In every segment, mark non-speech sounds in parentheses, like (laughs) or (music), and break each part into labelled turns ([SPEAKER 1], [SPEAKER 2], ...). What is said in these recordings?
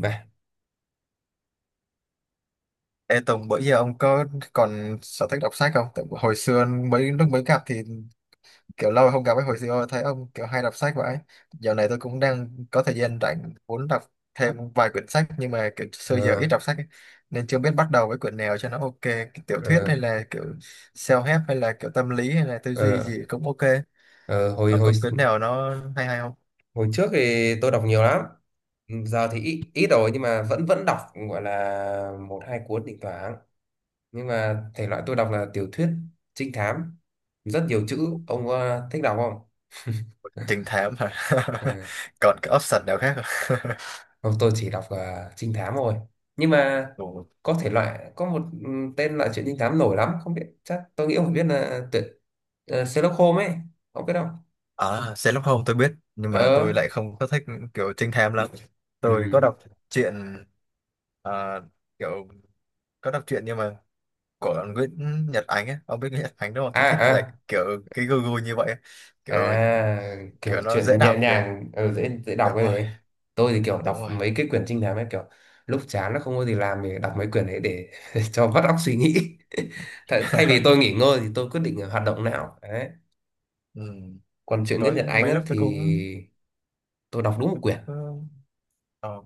[SPEAKER 1] Và
[SPEAKER 2] Ê Tùng, bữa giờ ông có còn sở thích đọc sách không? Tại hồi xưa mấy lúc mới gặp thì kiểu lâu rồi không gặp ấy, hồi xưa thấy ông kiểu hay đọc sách vậy. Dạo này tôi cũng đang có thời gian rảnh muốn đọc thêm vài quyển sách nhưng mà kiểu xưa giờ ít
[SPEAKER 1] Ờ,
[SPEAKER 2] đọc sách ấy, nên chưa biết bắt đầu với quyển nào cho nó ok. Kiểu tiểu thuyết
[SPEAKER 1] ờ,
[SPEAKER 2] hay là kiểu self-help hay là kiểu tâm lý hay là tư duy
[SPEAKER 1] ờ,
[SPEAKER 2] gì cũng ok.
[SPEAKER 1] ờ, hồi
[SPEAKER 2] Ông
[SPEAKER 1] hồi
[SPEAKER 2] có quyển nào nó hay hay không?
[SPEAKER 1] hồi trước thì tôi đọc nhiều lắm. Giờ thì ít ít rồi nhưng mà vẫn vẫn đọc gọi là một hai cuốn thỉnh thoảng. Nhưng mà thể loại tôi đọc là tiểu thuyết trinh thám, rất nhiều chữ. Ông thích đọc không?
[SPEAKER 2] Trinh
[SPEAKER 1] (laughs)
[SPEAKER 2] thám hả?
[SPEAKER 1] Ừ.
[SPEAKER 2] (laughs) Còn cái option nào khác không? (laughs)
[SPEAKER 1] Không, tôi chỉ đọc trinh thám thôi. Nhưng mà
[SPEAKER 2] Ồ.
[SPEAKER 1] có thể loại, có một tên loại truyện trinh thám nổi lắm, không biết, chắc tôi nghĩ ông phải biết, là tuyệt Sherlock Holmes ấy, ông biết không?
[SPEAKER 2] À, Sherlock Holmes tôi biết nhưng mà tôi
[SPEAKER 1] Ờ.
[SPEAKER 2] lại không có thích kiểu trinh thám lắm. Tôi
[SPEAKER 1] Ừ.
[SPEAKER 2] có đọc truyện, à, kiểu có đọc truyện nhưng mà của Nguyễn Nhật Ánh ấy, ông biết Nguyễn Nhật Ánh đúng không?
[SPEAKER 1] À,
[SPEAKER 2] Tôi thích lại
[SPEAKER 1] à
[SPEAKER 2] kiểu cái gu gu như vậy, ấy. Kiểu
[SPEAKER 1] À, kiểu
[SPEAKER 2] kiểu nó dễ
[SPEAKER 1] chuyện nhẹ
[SPEAKER 2] đọc rồi.
[SPEAKER 1] nhàng, dễ dễ đọc
[SPEAKER 2] Đúng
[SPEAKER 1] cái
[SPEAKER 2] rồi,
[SPEAKER 1] đấy. Tôi thì kiểu
[SPEAKER 2] đúng
[SPEAKER 1] đọc
[SPEAKER 2] rồi.
[SPEAKER 1] mấy cái quyển trinh thám ấy, kiểu lúc chán nó không có gì làm thì đọc mấy quyển đấy để (laughs) cho vắt óc suy nghĩ. (laughs) Thay vì tôi
[SPEAKER 2] (laughs)
[SPEAKER 1] nghỉ ngơi thì tôi quyết định hoạt động não. Đấy.
[SPEAKER 2] Ừ.
[SPEAKER 1] Còn chuyện
[SPEAKER 2] Có
[SPEAKER 1] Nguyễn Nhật Ánh
[SPEAKER 2] mấy
[SPEAKER 1] á,
[SPEAKER 2] lúc tôi
[SPEAKER 1] thì
[SPEAKER 2] cũng
[SPEAKER 1] tôi đọc đúng một
[SPEAKER 2] tôi
[SPEAKER 1] quyển.
[SPEAKER 2] cũng có- ờ,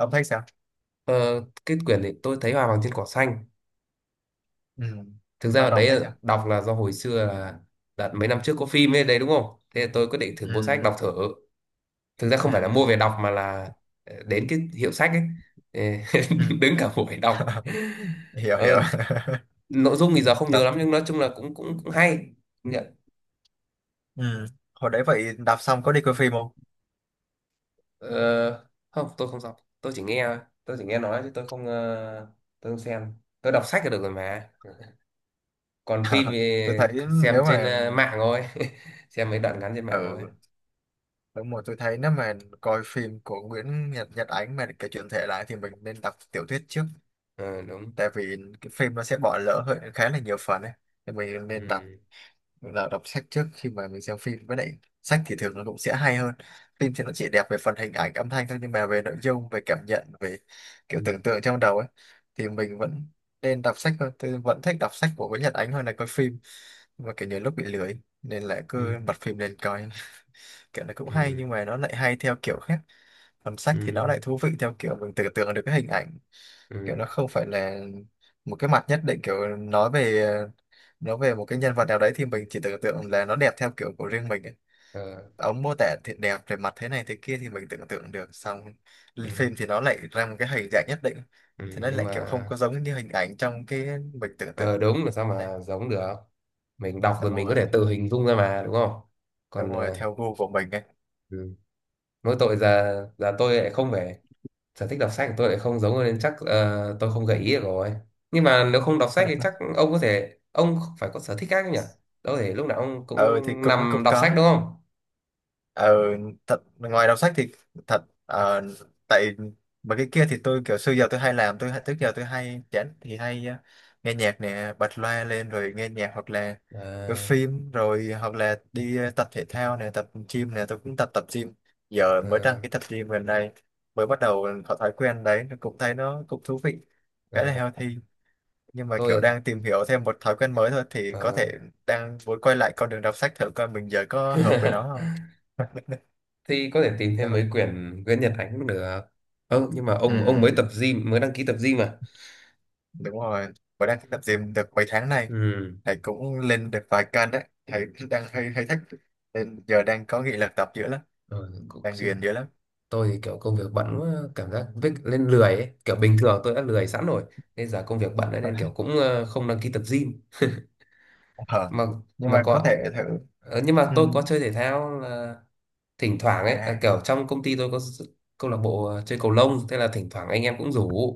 [SPEAKER 2] ông thấy sao?
[SPEAKER 1] Ờ, cái quyển này tôi thấy Hoa vàng trên cỏ xanh.
[SPEAKER 2] Ừ.
[SPEAKER 1] Thực ra
[SPEAKER 2] Ông
[SPEAKER 1] ở
[SPEAKER 2] đọc
[SPEAKER 1] đấy
[SPEAKER 2] thấy sao?
[SPEAKER 1] đọc là do hồi xưa là đợt mấy năm trước có phim ấy đấy, đúng không? Thế là tôi quyết định thử mua sách
[SPEAKER 2] Ừ.
[SPEAKER 1] đọc thử. Thực ra không phải là mua
[SPEAKER 2] Ừ.
[SPEAKER 1] về đọc mà là đến cái hiệu sách ấy. Ờ,
[SPEAKER 2] Ừ.
[SPEAKER 1] (laughs) đứng cả buổi đọc.
[SPEAKER 2] (laughs) Hiểu hiểu.
[SPEAKER 1] ờ,
[SPEAKER 2] (laughs)
[SPEAKER 1] nội dung thì giờ không nhớ
[SPEAKER 2] Đọc.
[SPEAKER 1] lắm nhưng nói chung là cũng cũng cũng hay. Công nhận.
[SPEAKER 2] Ừ. Hồi đấy vậy đạp xong có đi coi phim không?
[SPEAKER 1] Ờ, Không, tôi không đọc, Tôi chỉ nghe nói chứ tôi không tôi không xem. Tôi đọc sách là được rồi mà. Còn phim
[SPEAKER 2] (laughs)
[SPEAKER 1] thì
[SPEAKER 2] Tôi thấy
[SPEAKER 1] xem
[SPEAKER 2] nếu
[SPEAKER 1] trên
[SPEAKER 2] mà
[SPEAKER 1] mạng thôi. (laughs) Xem mấy đoạn ngắn trên mạng thôi.
[SPEAKER 2] ừ đúng rồi, tôi thấy nếu mà coi phim của Nguyễn Nhật Nhật Ánh mà kể chuyện thể lại thì mình nên đọc tiểu thuyết trước,
[SPEAKER 1] Ờ, đúng.
[SPEAKER 2] tại vì cái phim nó sẽ bỏ lỡ hơi khá là nhiều phần ấy, thì mình
[SPEAKER 1] Ừ,
[SPEAKER 2] nên đọc, là đọc sách trước khi mà mình xem phim. Với lại sách thì thường nó cũng sẽ hay hơn phim, thì nó chỉ đẹp về phần hình ảnh âm thanh thôi nhưng mà về nội dung, về cảm nhận, về kiểu
[SPEAKER 1] ừ,
[SPEAKER 2] tưởng tượng trong đầu ấy, thì mình vẫn nên đọc sách hơn. Tôi vẫn thích đọc sách của Nguyễn Nhật Ánh hơn là coi phim. Và kiểu nhiều lúc bị lười nên lại
[SPEAKER 1] ừ,
[SPEAKER 2] cứ bật phim lên coi. (laughs) Kiểu nó cũng hay nhưng mà nó lại hay theo kiểu khác, còn sách
[SPEAKER 1] ừ,
[SPEAKER 2] thì nó lại thú vị theo kiểu mình tưởng tượng được cái hình ảnh, kiểu
[SPEAKER 1] ừ,
[SPEAKER 2] nó không
[SPEAKER 1] ừ.
[SPEAKER 2] phải là một cái mặt nhất định. Kiểu nói về một cái nhân vật nào đấy thì mình chỉ tưởng tượng là nó đẹp theo kiểu của riêng mình ấy.
[SPEAKER 1] Ờ,
[SPEAKER 2] Ông mô tả thì đẹp về mặt thế này thế kia thì mình tưởng tượng được, xong
[SPEAKER 1] ừ,
[SPEAKER 2] lên
[SPEAKER 1] ừ,
[SPEAKER 2] phim thì nó lại ra một cái hình dạng nhất định,
[SPEAKER 1] ừ,
[SPEAKER 2] thì nó
[SPEAKER 1] Nhưng
[SPEAKER 2] lại
[SPEAKER 1] mà
[SPEAKER 2] kiểu không có giống như hình ảnh trong cái mình tưởng tượng.
[SPEAKER 1] Ờ đúng là sao
[SPEAKER 2] Đấy,
[SPEAKER 1] mà giống được. Mình đọc rồi
[SPEAKER 2] đúng
[SPEAKER 1] mình có
[SPEAKER 2] rồi,
[SPEAKER 1] thể tự hình dung ra mà, đúng không?
[SPEAKER 2] đúng
[SPEAKER 1] Còn
[SPEAKER 2] rồi, theo gu của mình ấy.
[SPEAKER 1] ừ. Mỗi tội giờ giờ tôi lại không phải, sở thích đọc sách của tôi lại không giống nên chắc tôi không gợi ý được rồi. Nhưng mà nếu không đọc sách thì chắc
[SPEAKER 2] (laughs)
[SPEAKER 1] ông có thể, ông phải có sở thích khác nhỉ? Đâu thể lúc nào ông cũng
[SPEAKER 2] Ừ thì cũng
[SPEAKER 1] nằm
[SPEAKER 2] cũng
[SPEAKER 1] đọc sách,
[SPEAKER 2] có.
[SPEAKER 1] đúng không?
[SPEAKER 2] Ừ, thật ngoài đọc sách thì thật, tại mà cái kia thì tôi kiểu xưa giờ tôi hay làm, tôi trước giờ tôi hay chán thì hay nghe nhạc nè, bật loa lên rồi nghe nhạc, hoặc là
[SPEAKER 1] Ờ,
[SPEAKER 2] cái phim rồi, hoặc là đi tập thể thao nè, tập gym nè, tôi cũng tập tập gym Giờ mới đăng
[SPEAKER 1] ờ,
[SPEAKER 2] cái tập gym gần đây, mới bắt đầu có thói quen đấy, nó cũng thấy nó cũng thú vị,
[SPEAKER 1] ờ,
[SPEAKER 2] khá là healthy. Nhưng mà kiểu
[SPEAKER 1] tôi
[SPEAKER 2] đang tìm hiểu thêm một thói quen mới thôi, thì có
[SPEAKER 1] ờ.
[SPEAKER 2] thể đang muốn quay lại con đường đọc sách thử coi mình giờ có hợp với nó không.
[SPEAKER 1] (laughs) Thì có thể tìm
[SPEAKER 2] Đây,
[SPEAKER 1] thêm mấy
[SPEAKER 2] Huy.
[SPEAKER 1] quyển Nguyễn Nhật Ánh cũng được. Ừ, nhưng mà
[SPEAKER 2] Ừ,
[SPEAKER 1] ông mới tập gym, mới đăng ký tập gym mà.
[SPEAKER 2] đúng rồi, và đang tập gym được mấy tháng nay,
[SPEAKER 1] Ừ.
[SPEAKER 2] thầy cũng lên được vài cân đấy, thầy đang hơi hơi thích, nên giờ đang có nghị lực tập dữ lắm,
[SPEAKER 1] Rồi, cũng,
[SPEAKER 2] đang
[SPEAKER 1] chứ
[SPEAKER 2] ghiền dữ lắm.
[SPEAKER 1] tôi thì kiểu công việc bận quá, cảm giác vích lên lười ấy. Kiểu bình thường tôi đã lười sẵn rồi nên giờ công việc bận nữa nên kiểu
[SPEAKER 2] (laughs)
[SPEAKER 1] cũng không đăng ký tập gym.
[SPEAKER 2] Ờ,
[SPEAKER 1] mà
[SPEAKER 2] nhưng
[SPEAKER 1] mà
[SPEAKER 2] mà có thể
[SPEAKER 1] có
[SPEAKER 2] thử.
[SPEAKER 1] nhưng mà
[SPEAKER 2] Ừ.
[SPEAKER 1] tôi có chơi thể thao, là thỉnh thoảng ấy, là
[SPEAKER 2] À.
[SPEAKER 1] kiểu trong công ty tôi có câu lạc bộ chơi cầu lông. Thế là thỉnh thoảng anh em cũng rủ,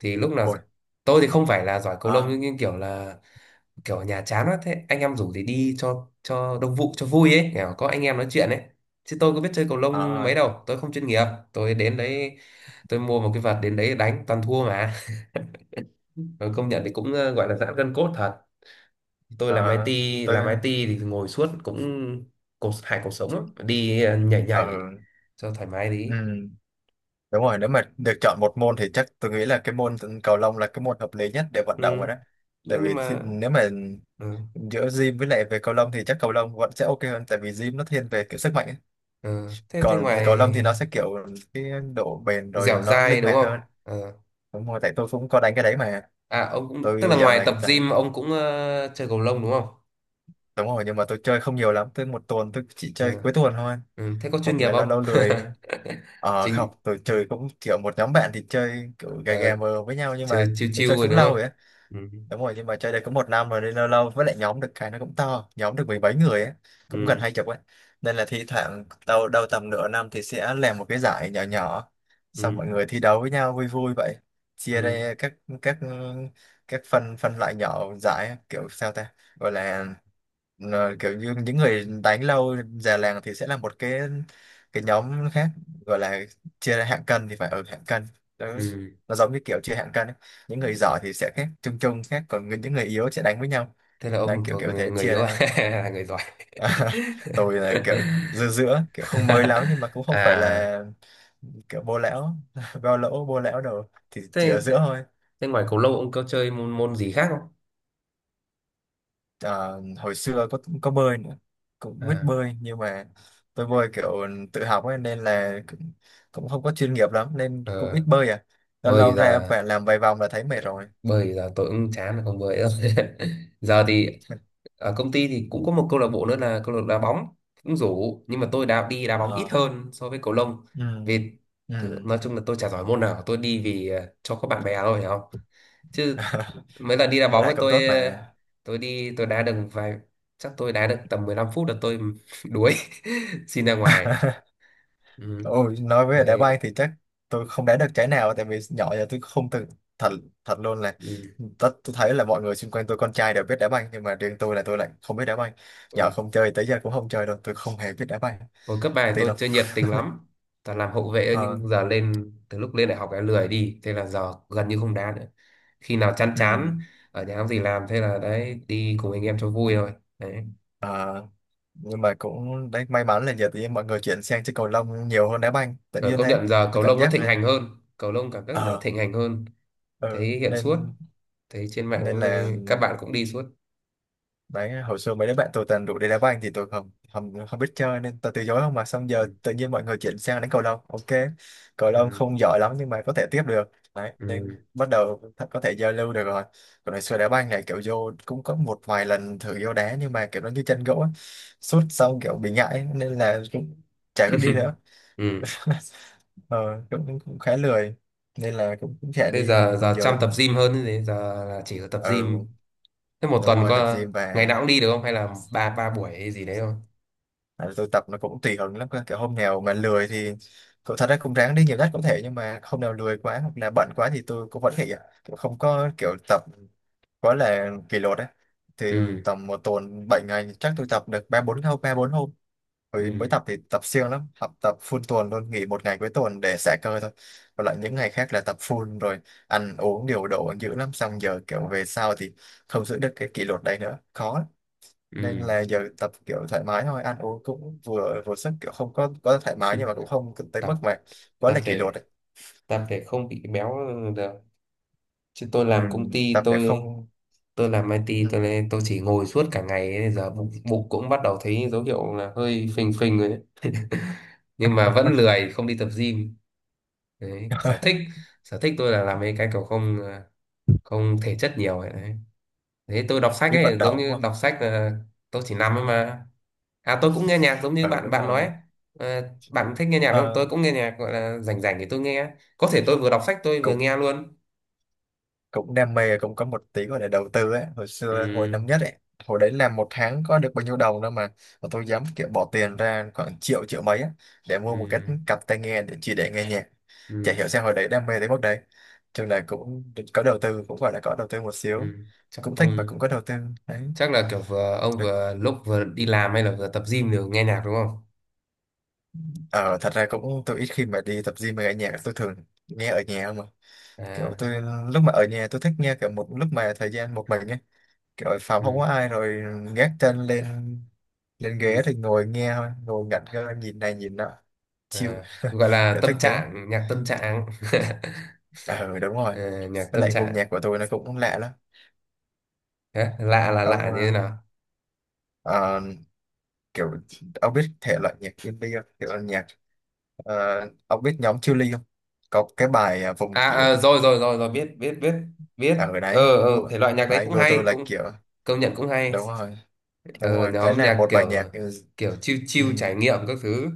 [SPEAKER 1] thì lúc nào
[SPEAKER 2] Ôi.
[SPEAKER 1] tôi thì không phải là giỏi cầu lông
[SPEAKER 2] Ờ.
[SPEAKER 1] nhưng kiểu là kiểu ở nhà chán quá thế anh em rủ thì đi cho đông vụ cho vui ấy, kiểu có anh em nói chuyện ấy, chứ tôi có biết chơi cầu lông
[SPEAKER 2] Ờ.
[SPEAKER 1] mấy đâu, tôi không chuyên nghiệp. Tôi đến đấy, tôi mua một cái vợt đến đấy đánh toàn thua mà. (laughs) Rồi, công nhận thì cũng gọi là giãn gân cốt thật. Tôi làm
[SPEAKER 2] Ờ.
[SPEAKER 1] IT,
[SPEAKER 2] Tôi.
[SPEAKER 1] làm IT thì ngồi suốt cũng cột hại cuộc sống lắm, đi nhảy
[SPEAKER 2] Ờ.
[SPEAKER 1] nhảy cho thoải mái
[SPEAKER 2] Ừ.
[SPEAKER 1] đi.
[SPEAKER 2] Đúng rồi, nếu mà được chọn một môn thì chắc tôi nghĩ là cái môn cầu lông là cái môn hợp lý nhất để vận
[SPEAKER 1] Ừ.
[SPEAKER 2] động rồi đó. Tại
[SPEAKER 1] nhưng
[SPEAKER 2] vì thi-
[SPEAKER 1] mà
[SPEAKER 2] nếu mà
[SPEAKER 1] Ừ.
[SPEAKER 2] giữa gym với lại về cầu lông thì chắc cầu lông vẫn sẽ ok hơn, tại vì gym nó thiên về kiểu sức mạnh ấy.
[SPEAKER 1] Ừ. thế thế
[SPEAKER 2] Còn với
[SPEAKER 1] ngoài,
[SPEAKER 2] cầu lông thì nó sẽ kiểu cái độ bền rồi
[SPEAKER 1] dẻo
[SPEAKER 2] nó
[SPEAKER 1] dai
[SPEAKER 2] linh
[SPEAKER 1] đúng
[SPEAKER 2] hoạt
[SPEAKER 1] không?
[SPEAKER 2] hơn.
[SPEAKER 1] Ờ.
[SPEAKER 2] Đúng rồi, tại tôi cũng có đánh cái đấy mà.
[SPEAKER 1] À, ông cũng tức
[SPEAKER 2] Tôi
[SPEAKER 1] là
[SPEAKER 2] dạo
[SPEAKER 1] ngoài
[SPEAKER 2] này
[SPEAKER 1] tập
[SPEAKER 2] cũng đánh.
[SPEAKER 1] gym ông cũng chơi cầu lông đúng không?
[SPEAKER 2] Đúng rồi, nhưng mà tôi chơi không nhiều lắm, tôi một tuần tôi chỉ chơi
[SPEAKER 1] À,
[SPEAKER 2] cuối tuần thôi.
[SPEAKER 1] ừ, thế có chuyên
[SPEAKER 2] Hoặc
[SPEAKER 1] nghiệp
[SPEAKER 2] là lâu
[SPEAKER 1] không?
[SPEAKER 2] lâu lười.
[SPEAKER 1] (laughs)
[SPEAKER 2] Ờ không,
[SPEAKER 1] Chính
[SPEAKER 2] tôi chơi cũng kiểu một nhóm bạn thì chơi kiểu gà gà
[SPEAKER 1] ờ,
[SPEAKER 2] mờ với nhau, nhưng
[SPEAKER 1] chơi
[SPEAKER 2] mà
[SPEAKER 1] chiêu
[SPEAKER 2] kiểu
[SPEAKER 1] chiêu
[SPEAKER 2] chơi
[SPEAKER 1] rồi
[SPEAKER 2] cũng
[SPEAKER 1] đúng
[SPEAKER 2] lâu rồi
[SPEAKER 1] không?
[SPEAKER 2] á,
[SPEAKER 1] Ừ,
[SPEAKER 2] đúng rồi, nhưng mà chơi đây cũng một năm rồi nên lâu lâu, với lại nhóm được cái nó cũng to, nhóm được mười mấy người á, cũng gần
[SPEAKER 1] ừ,
[SPEAKER 2] hai chục ấy, nên là thi thoảng đầu đầu tầm nửa năm thì sẽ làm một cái giải nhỏ nhỏ, xong mọi
[SPEAKER 1] ừ,
[SPEAKER 2] người thi đấu với nhau vui vui vậy. Chia
[SPEAKER 1] ừ,
[SPEAKER 2] ra các các phân phân loại nhỏ giải kiểu sao ta, gọi là kiểu như những người đánh lâu già làng thì sẽ là một cái nhóm khác, gọi là chia ra hạng cân thì phải ở hạng cân đó,
[SPEAKER 1] ừ.
[SPEAKER 2] nó giống như kiểu chia hạng cân ấy. Những người giỏi thì sẽ khác chung chung khác, còn người- những người yếu sẽ đánh với nhau.
[SPEAKER 1] Thế là
[SPEAKER 2] Đấy
[SPEAKER 1] ông
[SPEAKER 2] kiểu
[SPEAKER 1] thuộc
[SPEAKER 2] kiểu thế
[SPEAKER 1] người
[SPEAKER 2] chia
[SPEAKER 1] yếu à?
[SPEAKER 2] ra.
[SPEAKER 1] (laughs) Là người giỏi.
[SPEAKER 2] (laughs) Tôi là kiểu giữa
[SPEAKER 1] (laughs)
[SPEAKER 2] giữa kiểu không mới lắm nhưng mà cũng không phải
[SPEAKER 1] À,
[SPEAKER 2] là kiểu bô lão (laughs) bao lỗ bô lão đâu, thì chỉ
[SPEAKER 1] thế,
[SPEAKER 2] ở
[SPEAKER 1] thế,
[SPEAKER 2] giữa thôi.
[SPEAKER 1] thế ngoài cầu lông ông có chơi môn môn gì khác không?
[SPEAKER 2] Ờ, hồi xưa có bơi nữa, cũng biết
[SPEAKER 1] À
[SPEAKER 2] bơi nhưng mà tôi bơi kiểu tự học ấy, nên là cũng, cũng không có chuyên nghiệp lắm nên cũng ít
[SPEAKER 1] ờ,
[SPEAKER 2] bơi à, lâu
[SPEAKER 1] bơi
[SPEAKER 2] lâu ra
[SPEAKER 1] là,
[SPEAKER 2] và làm vài vòng là thấy mệt
[SPEAKER 1] Ờ,
[SPEAKER 2] rồi.
[SPEAKER 1] bơi giờ tôi cũng chán rồi, không bơi đâu. (laughs) Giờ thì ở công ty thì cũng có một câu lạc bộ nữa là câu lạc bộ đá bóng, cũng rủ nhưng mà tôi đã đi đá bóng ít
[SPEAKER 2] Ờ,
[SPEAKER 1] hơn so với cầu lông,
[SPEAKER 2] ừ,
[SPEAKER 1] vì
[SPEAKER 2] ừ.
[SPEAKER 1] thử, nói chung là tôi chả giỏi môn nào, tôi đi vì cho có bạn bè thôi, hiểu không? Chứ
[SPEAKER 2] (laughs)
[SPEAKER 1] mấy lần đi đá
[SPEAKER 2] Với
[SPEAKER 1] bóng
[SPEAKER 2] lại
[SPEAKER 1] ấy
[SPEAKER 2] cũng tốt
[SPEAKER 1] tôi
[SPEAKER 2] mà.
[SPEAKER 1] tôi đi tôi đá được vài, chắc tôi đá được tầm 15 phút là tôi (laughs) đuối (laughs) xin ra ngoài. Ừ.
[SPEAKER 2] Ôi, nói về đá banh
[SPEAKER 1] Đấy.
[SPEAKER 2] thì chắc tôi không đá được trái nào, tại vì nhỏ giờ tôi không từng, thật, thật luôn là
[SPEAKER 1] Ừ.
[SPEAKER 2] tất tôi thấy là mọi người xung quanh tôi con trai đều biết đá banh nhưng mà riêng tôi là tôi lại không biết đá banh,
[SPEAKER 1] Ôi,
[SPEAKER 2] nhỏ không chơi tới giờ cũng không chơi đâu, tôi không hề biết đá banh
[SPEAKER 1] hồi cấp 3 thì
[SPEAKER 2] tí
[SPEAKER 1] tôi
[SPEAKER 2] đâu.
[SPEAKER 1] chơi nhiệt tình lắm. Toàn làm hậu vệ thôi,
[SPEAKER 2] Ờ,
[SPEAKER 1] nhưng giờ lên, từ lúc lên đại học em lười đi, thế là giờ gần như không đá nữa. Khi nào chán
[SPEAKER 2] ừ,
[SPEAKER 1] chán ở nhà không gì làm thế là đấy, đi cùng anh em cho vui thôi. Đấy.
[SPEAKER 2] ờ, nhưng mà cũng đấy may mắn là giờ thì mọi người chuyển sang chơi cầu lông nhiều hơn đá banh tự
[SPEAKER 1] Rồi,
[SPEAKER 2] nhiên
[SPEAKER 1] công
[SPEAKER 2] thế.
[SPEAKER 1] nhận giờ
[SPEAKER 2] Tôi
[SPEAKER 1] cầu
[SPEAKER 2] cảm
[SPEAKER 1] lông nó
[SPEAKER 2] giác
[SPEAKER 1] thịnh
[SPEAKER 2] là
[SPEAKER 1] hành hơn, cầu lông cảm giác giờ
[SPEAKER 2] ờ
[SPEAKER 1] thịnh hành hơn,
[SPEAKER 2] ừ,
[SPEAKER 1] thấy hiện suốt,
[SPEAKER 2] nên
[SPEAKER 1] thấy trên mạng
[SPEAKER 2] nên
[SPEAKER 1] cũng thấy
[SPEAKER 2] là
[SPEAKER 1] các bạn cũng đi suốt.
[SPEAKER 2] đấy, hồi xưa mấy đứa bạn tôi toàn rủ đi đá banh thì tôi không không không biết chơi nên tôi từ chối không, mà xong
[SPEAKER 1] Ừ.
[SPEAKER 2] giờ tự nhiên mọi người chuyển sang đánh cầu lông ok. Cầu lông
[SPEAKER 1] Ừ.
[SPEAKER 2] không giỏi lắm nhưng mà có thể tiếp được, đấy
[SPEAKER 1] Ừ.
[SPEAKER 2] nên bắt đầu th- có thể giao lưu được rồi. Còn hồi xưa đá banh này kiểu vô cũng có một vài lần thử vô đá nhưng mà kiểu nó như chân gỗ ấy, sút xong kiểu bị ngại nên là cũng chả có đi nữa.
[SPEAKER 1] Ừ.
[SPEAKER 2] (laughs) Ờ, cũng, cũng khá lười nên là cũng cũng chả
[SPEAKER 1] Thế
[SPEAKER 2] đi.
[SPEAKER 1] giờ
[SPEAKER 2] Còn
[SPEAKER 1] giờ
[SPEAKER 2] giờ
[SPEAKER 1] chăm tập gym hơn, thế giờ là chỉ có tập
[SPEAKER 2] ừ,
[SPEAKER 1] gym. Thế một
[SPEAKER 2] đúng
[SPEAKER 1] tuần
[SPEAKER 2] rồi, tập
[SPEAKER 1] có
[SPEAKER 2] gym.
[SPEAKER 1] ngày
[SPEAKER 2] Và
[SPEAKER 1] nào cũng đi được không hay là ba ba buổi hay gì đấy không?
[SPEAKER 2] tại vì tôi tập nó cũng tùy hứng lắm cơ. Kiểu hôm nào mà lười thì cậu thật ra cũng ráng đi nhiều nhất có thể, nhưng mà hôm nào lười quá hoặc là bận quá thì tôi cũng vẫn nghỉ ạ. Kiểu không có kiểu tập quá là kỷ luật ấy, thì
[SPEAKER 1] Ừ.
[SPEAKER 2] tầm một tuần 7 ngày chắc tôi tập được 3 4 hôm, 3 4 hôm rồi mới
[SPEAKER 1] Ừ.
[SPEAKER 2] tập thì tập siêng lắm, học tập full tuần luôn, nghỉ một ngày cuối tuần để xả cơ thôi, còn lại những ngày khác là tập full rồi, ăn uống điều độ dữ lắm. Xong giờ kiểu về sau thì không giữ được cái kỷ luật đấy nữa, khó lắm, nên
[SPEAKER 1] Ừ.
[SPEAKER 2] là giờ tập kiểu thoải mái thôi, ăn uống cũng vừa vừa sức, kiểu không có có thoải mái nhưng mà cũng không tới
[SPEAKER 1] tập
[SPEAKER 2] mức mà quá
[SPEAKER 1] tập
[SPEAKER 2] là kỷ luật
[SPEAKER 1] để
[SPEAKER 2] ấy.
[SPEAKER 1] tập để không bị béo được. Chứ tôi
[SPEAKER 2] Ừ,
[SPEAKER 1] làm công ty,
[SPEAKER 2] tập để
[SPEAKER 1] tôi
[SPEAKER 2] không
[SPEAKER 1] tôi làm IT, tôi
[SPEAKER 2] ừ,
[SPEAKER 1] lên tôi chỉ ngồi suốt cả ngày ấy, giờ bụng, bụng cũng bắt đầu thấy dấu hiệu là hơi phình phình rồi đấy. (laughs) Nhưng mà vẫn lười không đi tập gym. Đấy, sở thích
[SPEAKER 2] (laughs)
[SPEAKER 1] sở thích tôi là làm mấy cái kiểu không, không thể chất nhiều ấy đấy. Thế tôi đọc sách
[SPEAKER 2] đi vận
[SPEAKER 1] ấy, giống
[SPEAKER 2] động đúng
[SPEAKER 1] như
[SPEAKER 2] không?
[SPEAKER 1] đọc sách là tôi chỉ nằm ấy mà. À, tôi cũng nghe nhạc giống như
[SPEAKER 2] Ừ
[SPEAKER 1] bạn
[SPEAKER 2] đúng
[SPEAKER 1] bạn nói ấy.
[SPEAKER 2] rồi.
[SPEAKER 1] Ờ, bạn thích nghe nhạc đúng không? Tôi
[SPEAKER 2] Ờ,
[SPEAKER 1] cũng nghe nhạc, gọi là rảnh rảnh thì tôi nghe. Có thể tôi vừa đọc sách tôi vừa
[SPEAKER 2] cũng
[SPEAKER 1] nghe luôn.
[SPEAKER 2] cũng đam mê, cũng có một tí gọi là đầu tư ấy. Hồi xưa hồi
[SPEAKER 1] Ừ,
[SPEAKER 2] năm nhất ấy, hồi đấy làm một tháng có được bao nhiêu đồng đâu, mà tôi dám kiểu bỏ tiền ra khoảng triệu triệu mấy á, để mua
[SPEAKER 1] ừ,
[SPEAKER 2] một cái cặp tai nghe để chỉ để nghe nhạc. Chả
[SPEAKER 1] ừ,
[SPEAKER 2] hiểu sao hồi đấy đam mê tới mức đấy. Trường này cũng có đầu tư, cũng gọi là có đầu tư một xíu,
[SPEAKER 1] ừ. Chắc,
[SPEAKER 2] cũng thích và
[SPEAKER 1] ừ.
[SPEAKER 2] cũng có đầu tư đấy,
[SPEAKER 1] Chắc là kiểu vừa ông
[SPEAKER 2] được.
[SPEAKER 1] vừa lúc vừa đi làm hay là vừa tập gym đều nghe nhạc đúng không?
[SPEAKER 2] Ờ, Thật ra cũng tôi ít khi mà đi tập gym mà nghe nhạc, tôi thường nghe ở nhà mà, kiểu
[SPEAKER 1] À,
[SPEAKER 2] tôi lúc mà ở nhà tôi thích nghe kiểu một lúc mà thời gian một mình ấy, kiểu ở phòng không
[SPEAKER 1] ừ,
[SPEAKER 2] có ai rồi, gác chân lên lên
[SPEAKER 1] ừ.
[SPEAKER 2] ghế thì ngồi nghe thôi, ngồi ngẩn ngơ nhìn này nhìn nọ, chill
[SPEAKER 1] À, gọi
[SPEAKER 2] (laughs)
[SPEAKER 1] là
[SPEAKER 2] kiểu thích
[SPEAKER 1] tâm
[SPEAKER 2] thế.
[SPEAKER 1] trạng, nhạc tâm trạng. (laughs)
[SPEAKER 2] Ờ đúng rồi,
[SPEAKER 1] Ờ, nhạc
[SPEAKER 2] với
[SPEAKER 1] tâm
[SPEAKER 2] lại gu
[SPEAKER 1] trạng.
[SPEAKER 2] nhạc của tôi nó cũng lạ lắm.
[SPEAKER 1] Đấy, lạ là
[SPEAKER 2] Ông
[SPEAKER 1] lạ như thế
[SPEAKER 2] ờ,
[SPEAKER 1] nào?
[SPEAKER 2] ờ, kiểu Ông biết thể loại nhạc indie không? Kiểu nhạc. Ờ, ông biết nhóm Chillies không? Có cái bài à, vùng
[SPEAKER 1] À,
[SPEAKER 2] ký ức
[SPEAKER 1] à,
[SPEAKER 2] ấy.
[SPEAKER 1] rồi rồi rồi rồi, biết biết biết biết.
[SPEAKER 2] Ở
[SPEAKER 1] Ờ
[SPEAKER 2] đấy,
[SPEAKER 1] ờ thể loại nhạc đấy
[SPEAKER 2] Đấy
[SPEAKER 1] cũng
[SPEAKER 2] Go tôi
[SPEAKER 1] hay,
[SPEAKER 2] là
[SPEAKER 1] cũng,
[SPEAKER 2] kiểu
[SPEAKER 1] công nhận cũng hay.
[SPEAKER 2] đúng rồi, đúng
[SPEAKER 1] Ừ,
[SPEAKER 2] rồi, đấy
[SPEAKER 1] nhóm
[SPEAKER 2] là
[SPEAKER 1] nhạc
[SPEAKER 2] một bài
[SPEAKER 1] kiểu,
[SPEAKER 2] nhạc. Ừ,
[SPEAKER 1] chill
[SPEAKER 2] ừ,
[SPEAKER 1] chill trải nghiệm các thứ,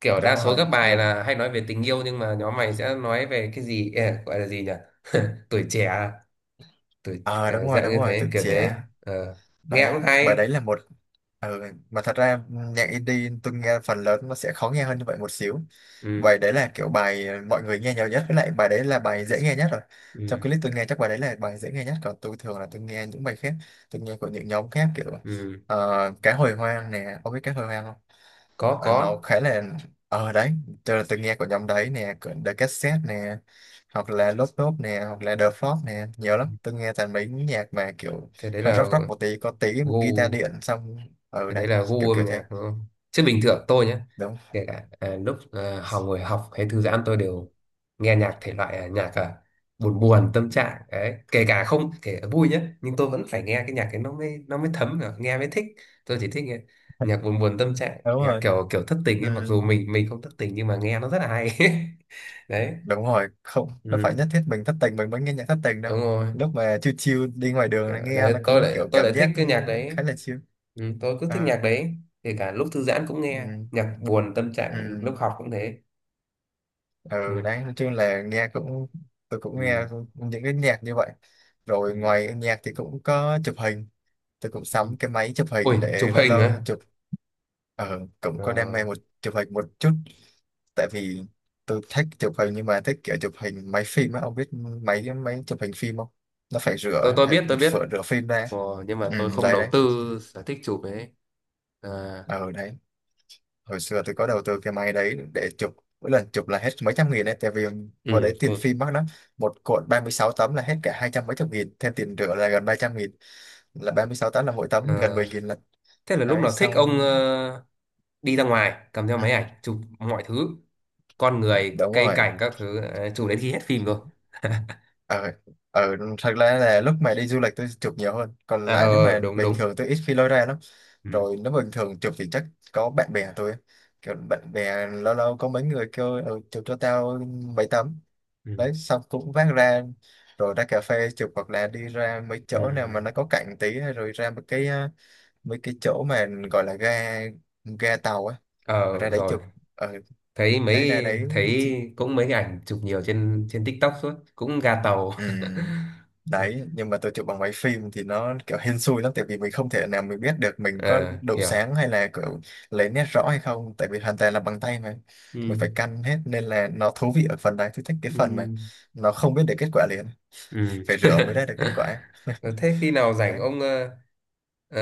[SPEAKER 1] kiểu đa
[SPEAKER 2] Đúng
[SPEAKER 1] số các
[SPEAKER 2] rồi,
[SPEAKER 1] bài
[SPEAKER 2] nhưng
[SPEAKER 1] là hay nói về tình yêu nhưng mà nhóm mày sẽ nói về cái gì, Ê, gọi là gì nhỉ? (laughs) Tuổi trẻ à? Tuổi
[SPEAKER 2] ờ
[SPEAKER 1] cả dạng
[SPEAKER 2] đúng
[SPEAKER 1] như
[SPEAKER 2] rồi,
[SPEAKER 1] thế
[SPEAKER 2] tuổi
[SPEAKER 1] kiểu
[SPEAKER 2] trẻ,
[SPEAKER 1] thế. Ờ, nghe
[SPEAKER 2] đấy
[SPEAKER 1] cũng
[SPEAKER 2] bài đấy
[SPEAKER 1] hay.
[SPEAKER 2] là một. ừ, mà thật ra nhạc indie tôi nghe phần lớn nó sẽ khó nghe hơn như vậy một xíu,
[SPEAKER 1] Ừ,
[SPEAKER 2] bài đấy là kiểu bài mọi người nghe nhiều nhất, với lại bài đấy là bài dễ nghe nhất rồi, trong
[SPEAKER 1] ừ,
[SPEAKER 2] clip tôi nghe chắc bài đấy là bài dễ nghe nhất, còn tôi thường là tôi nghe những bài khác, tôi nghe của những nhóm khác kiểu
[SPEAKER 1] ừ.
[SPEAKER 2] ờ, cá hồi hoang nè, ông biết cá hồi hoang không?
[SPEAKER 1] có
[SPEAKER 2] Ờ, nó
[SPEAKER 1] có
[SPEAKER 2] khá là ờ đấy, tôi nghe của nhóm đấy nè, của The Cassette nè, hoặc là Lốp Lốp nè, hoặc là The Frog nè, nhiều lắm. Tôi nghe toàn mấy nhạc mà kiểu
[SPEAKER 1] thế, đấy
[SPEAKER 2] hơi
[SPEAKER 1] là
[SPEAKER 2] rock rock một tí, có tí guitar
[SPEAKER 1] gu,
[SPEAKER 2] điện xong. Ừ
[SPEAKER 1] cái
[SPEAKER 2] đấy,
[SPEAKER 1] đấy là gu
[SPEAKER 2] kiểu kiểu
[SPEAKER 1] âm nhạc
[SPEAKER 2] thế,
[SPEAKER 1] đúng không? Chứ bình thường tôi nhé,
[SPEAKER 2] đúng
[SPEAKER 1] kể cả lúc học, ngồi học hay thư giãn tôi đều nghe nhạc thể loại nhạc buồn buồn tâm trạng đấy, kể cả không, kể cả vui nhé, nhưng tôi vẫn phải nghe cái nhạc ấy nó mới, nó mới thấm được, nghe mới thích. Tôi chỉ thích nghe nhạc buồn buồn tâm trạng,
[SPEAKER 2] đúng
[SPEAKER 1] nhạc
[SPEAKER 2] rồi.
[SPEAKER 1] kiểu kiểu thất tình
[SPEAKER 2] Ừ,
[SPEAKER 1] ấy, mặc dù mình không thất tình nhưng mà nghe nó rất là hay. (laughs) Đấy,
[SPEAKER 2] đúng rồi, không nó phải
[SPEAKER 1] ừ,
[SPEAKER 2] nhất thiết mình thất tình mình mới nghe nhạc thất tình đâu,
[SPEAKER 1] đúng rồi.
[SPEAKER 2] lúc mà chill chill đi ngoài đường
[SPEAKER 1] Kiểu,
[SPEAKER 2] là nghe
[SPEAKER 1] đấy
[SPEAKER 2] nó
[SPEAKER 1] tôi
[SPEAKER 2] cũng
[SPEAKER 1] lại
[SPEAKER 2] kiểu
[SPEAKER 1] tôi
[SPEAKER 2] cảm
[SPEAKER 1] lại thích
[SPEAKER 2] giác
[SPEAKER 1] cái nhạc đấy.
[SPEAKER 2] khá là chill.
[SPEAKER 1] Ừ, tôi cứ thích
[SPEAKER 2] Ờ,
[SPEAKER 1] nhạc đấy, kể cả lúc thư giãn cũng nghe
[SPEAKER 2] ừ,
[SPEAKER 1] nhạc buồn tâm trạng, lúc
[SPEAKER 2] ừ.
[SPEAKER 1] học cũng thế. Ừ.
[SPEAKER 2] Ừ đấy, nói chung là nghe cũng tôi cũng nghe
[SPEAKER 1] Ừ.
[SPEAKER 2] những cái nhạc như vậy. Rồi
[SPEAKER 1] Ừ.
[SPEAKER 2] ngoài nhạc thì cũng có chụp hình, tôi cũng
[SPEAKER 1] Ừ.
[SPEAKER 2] sắm cái máy chụp
[SPEAKER 1] Ui,
[SPEAKER 2] hình
[SPEAKER 1] chụp
[SPEAKER 2] để lâu
[SPEAKER 1] hình
[SPEAKER 2] lâu
[SPEAKER 1] á?
[SPEAKER 2] chụp. Ờ cũng
[SPEAKER 1] Ờ,
[SPEAKER 2] có đam mê một chụp hình một chút, tại vì tôi thích chụp hình, nhưng mà thích kiểu chụp hình máy phim á, ông biết máy máy chụp hình phim không? Nó phải
[SPEAKER 1] tôi
[SPEAKER 2] rửa,
[SPEAKER 1] tôi
[SPEAKER 2] phải
[SPEAKER 1] biết, tôi biết,
[SPEAKER 2] rửa rửa phim ra.
[SPEAKER 1] ờ, nhưng mà
[SPEAKER 2] Ừ
[SPEAKER 1] tôi không
[SPEAKER 2] đấy
[SPEAKER 1] đầu
[SPEAKER 2] đấy,
[SPEAKER 1] tư sở thích chụp ấy. À,
[SPEAKER 2] ờ đấy, hồi xưa tôi có đầu tư cái máy đấy để chụp, mỗi lần chụp là hết mấy trăm nghìn ấy, tại vì hồi
[SPEAKER 1] ừ,
[SPEAKER 2] đấy tiền
[SPEAKER 1] ok.
[SPEAKER 2] phim mắc lắm. Một cuộn 36 tấm là hết cả hai trăm mấy chục nghìn, thêm tiền rửa là gần 300 nghìn, là 36 tấm là mỗi tấm gần
[SPEAKER 1] Ờ,
[SPEAKER 2] 10 nghìn, là
[SPEAKER 1] thế là lúc
[SPEAKER 2] đấy
[SPEAKER 1] nào thích ông
[SPEAKER 2] xong.
[SPEAKER 1] đi ra ngoài cầm theo
[SPEAKER 2] Ừ.
[SPEAKER 1] máy ảnh chụp mọi thứ, con người,
[SPEAKER 2] Đúng
[SPEAKER 1] cây
[SPEAKER 2] rồi,
[SPEAKER 1] cảnh các thứ, chụp đến khi hết phim rồi. (laughs)
[SPEAKER 2] ờ ờ thật ra là lúc mà đi du lịch tôi chụp nhiều hơn, còn
[SPEAKER 1] À,
[SPEAKER 2] lại nếu mà
[SPEAKER 1] đúng
[SPEAKER 2] bình
[SPEAKER 1] đúng.
[SPEAKER 2] thường tôi ít khi lôi ra lắm.
[SPEAKER 1] Ừ.
[SPEAKER 2] Rồi nếu bình thường chụp thì chắc có bạn bè tôi ấy, kiểu bạn bè lâu lâu có mấy người kêu ừ, chụp cho tao mấy tấm,
[SPEAKER 1] Ừ.
[SPEAKER 2] đấy xong cũng vác ra, rồi ra cà phê chụp, hoặc là đi ra mấy
[SPEAKER 1] Ừ.
[SPEAKER 2] chỗ nào mà nó có cạnh tí ấy, rồi ra một cái mấy cái chỗ mà gọi là ga, ga tàu á,
[SPEAKER 1] Ờ,
[SPEAKER 2] ra đấy
[SPEAKER 1] rồi,
[SPEAKER 2] chụp. ờ Đấy ra đấy chứ-
[SPEAKER 1] thấy cũng mấy cái ảnh chụp nhiều trên trên TikTok suốt, cũng ga tàu.
[SPEAKER 2] Ừm,
[SPEAKER 1] (laughs)
[SPEAKER 2] đấy nhưng mà tôi chụp bằng máy phim thì nó kiểu hên xui lắm, tại vì mình không thể nào mình biết được mình có
[SPEAKER 1] Ờ,
[SPEAKER 2] độ
[SPEAKER 1] hiểu.
[SPEAKER 2] sáng hay là kiểu lấy nét rõ hay không, tại vì hoàn toàn là bằng tay mà, mình
[SPEAKER 1] Ừ.
[SPEAKER 2] phải căn hết. Nên là nó thú vị ở phần đấy, tôi thích cái
[SPEAKER 1] Ừ.
[SPEAKER 2] phần mà nó không biết được kết quả liền,
[SPEAKER 1] Ừ.
[SPEAKER 2] phải rửa mới ra được kết quả
[SPEAKER 1] Ờ, thế khi nào rảnh
[SPEAKER 2] đấy.
[SPEAKER 1] ông, ờ,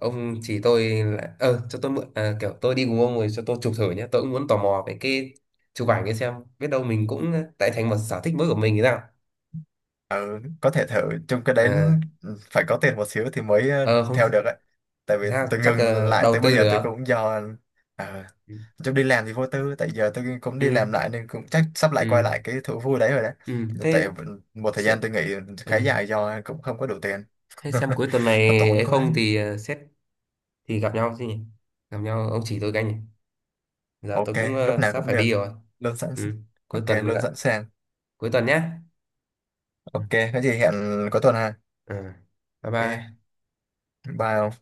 [SPEAKER 1] ông chỉ tôi là cho tôi mượn, kiểu tôi đi cùng ông rồi cho tôi chụp thử nhé, tôi cũng muốn tò mò về cái chụp ảnh ấy, xem biết đâu mình cũng tại thành một sở thích mới của mình thì sao.
[SPEAKER 2] Ừ, có thể thử chung cái đấy.
[SPEAKER 1] ờ
[SPEAKER 2] Ừ, phải có tiền một xíu thì mới
[SPEAKER 1] ờ Không
[SPEAKER 2] theo được ấy. Tại vì
[SPEAKER 1] sao,
[SPEAKER 2] tôi
[SPEAKER 1] chắc
[SPEAKER 2] ngừng lại
[SPEAKER 1] đầu
[SPEAKER 2] tới bây
[SPEAKER 1] tư
[SPEAKER 2] giờ
[SPEAKER 1] được.
[SPEAKER 2] tôi cũng do à,
[SPEAKER 1] Ừ,
[SPEAKER 2] chung đi làm thì vô tư, tại giờ tôi cũng đi
[SPEAKER 1] ừ,
[SPEAKER 2] làm lại nên cũng chắc sắp lại quay
[SPEAKER 1] ừ,
[SPEAKER 2] lại cái thú vui đấy rồi đấy.
[SPEAKER 1] ừ.
[SPEAKER 2] Tại
[SPEAKER 1] Thế
[SPEAKER 2] một thời gian
[SPEAKER 1] sẽ,
[SPEAKER 2] tôi nghỉ
[SPEAKER 1] ừ.
[SPEAKER 2] khá dài do cũng không có đủ tiền. (laughs)
[SPEAKER 1] Thế xem cuối tuần
[SPEAKER 2] Nó
[SPEAKER 1] này
[SPEAKER 2] tốn
[SPEAKER 1] ấy
[SPEAKER 2] quá.
[SPEAKER 1] không thì xét thì gặp nhau chứ nhỉ? Gặp nhau ông chỉ tôi cái nhỉ? Giờ
[SPEAKER 2] Ok,
[SPEAKER 1] tôi cũng
[SPEAKER 2] lúc nào
[SPEAKER 1] sắp
[SPEAKER 2] cũng
[SPEAKER 1] phải đi
[SPEAKER 2] được.
[SPEAKER 1] rồi.
[SPEAKER 2] Luôn sẵn.
[SPEAKER 1] Ừ. Cuối
[SPEAKER 2] Ok,
[SPEAKER 1] tuần
[SPEAKER 2] luôn
[SPEAKER 1] gặp.
[SPEAKER 2] sẵn sàng.
[SPEAKER 1] Cuối tuần nhé. Ừ.
[SPEAKER 2] Ok, có gì hẹn cuối tuần ha.
[SPEAKER 1] Ừ. Bye
[SPEAKER 2] Ok,
[SPEAKER 1] bye.
[SPEAKER 2] bye ông.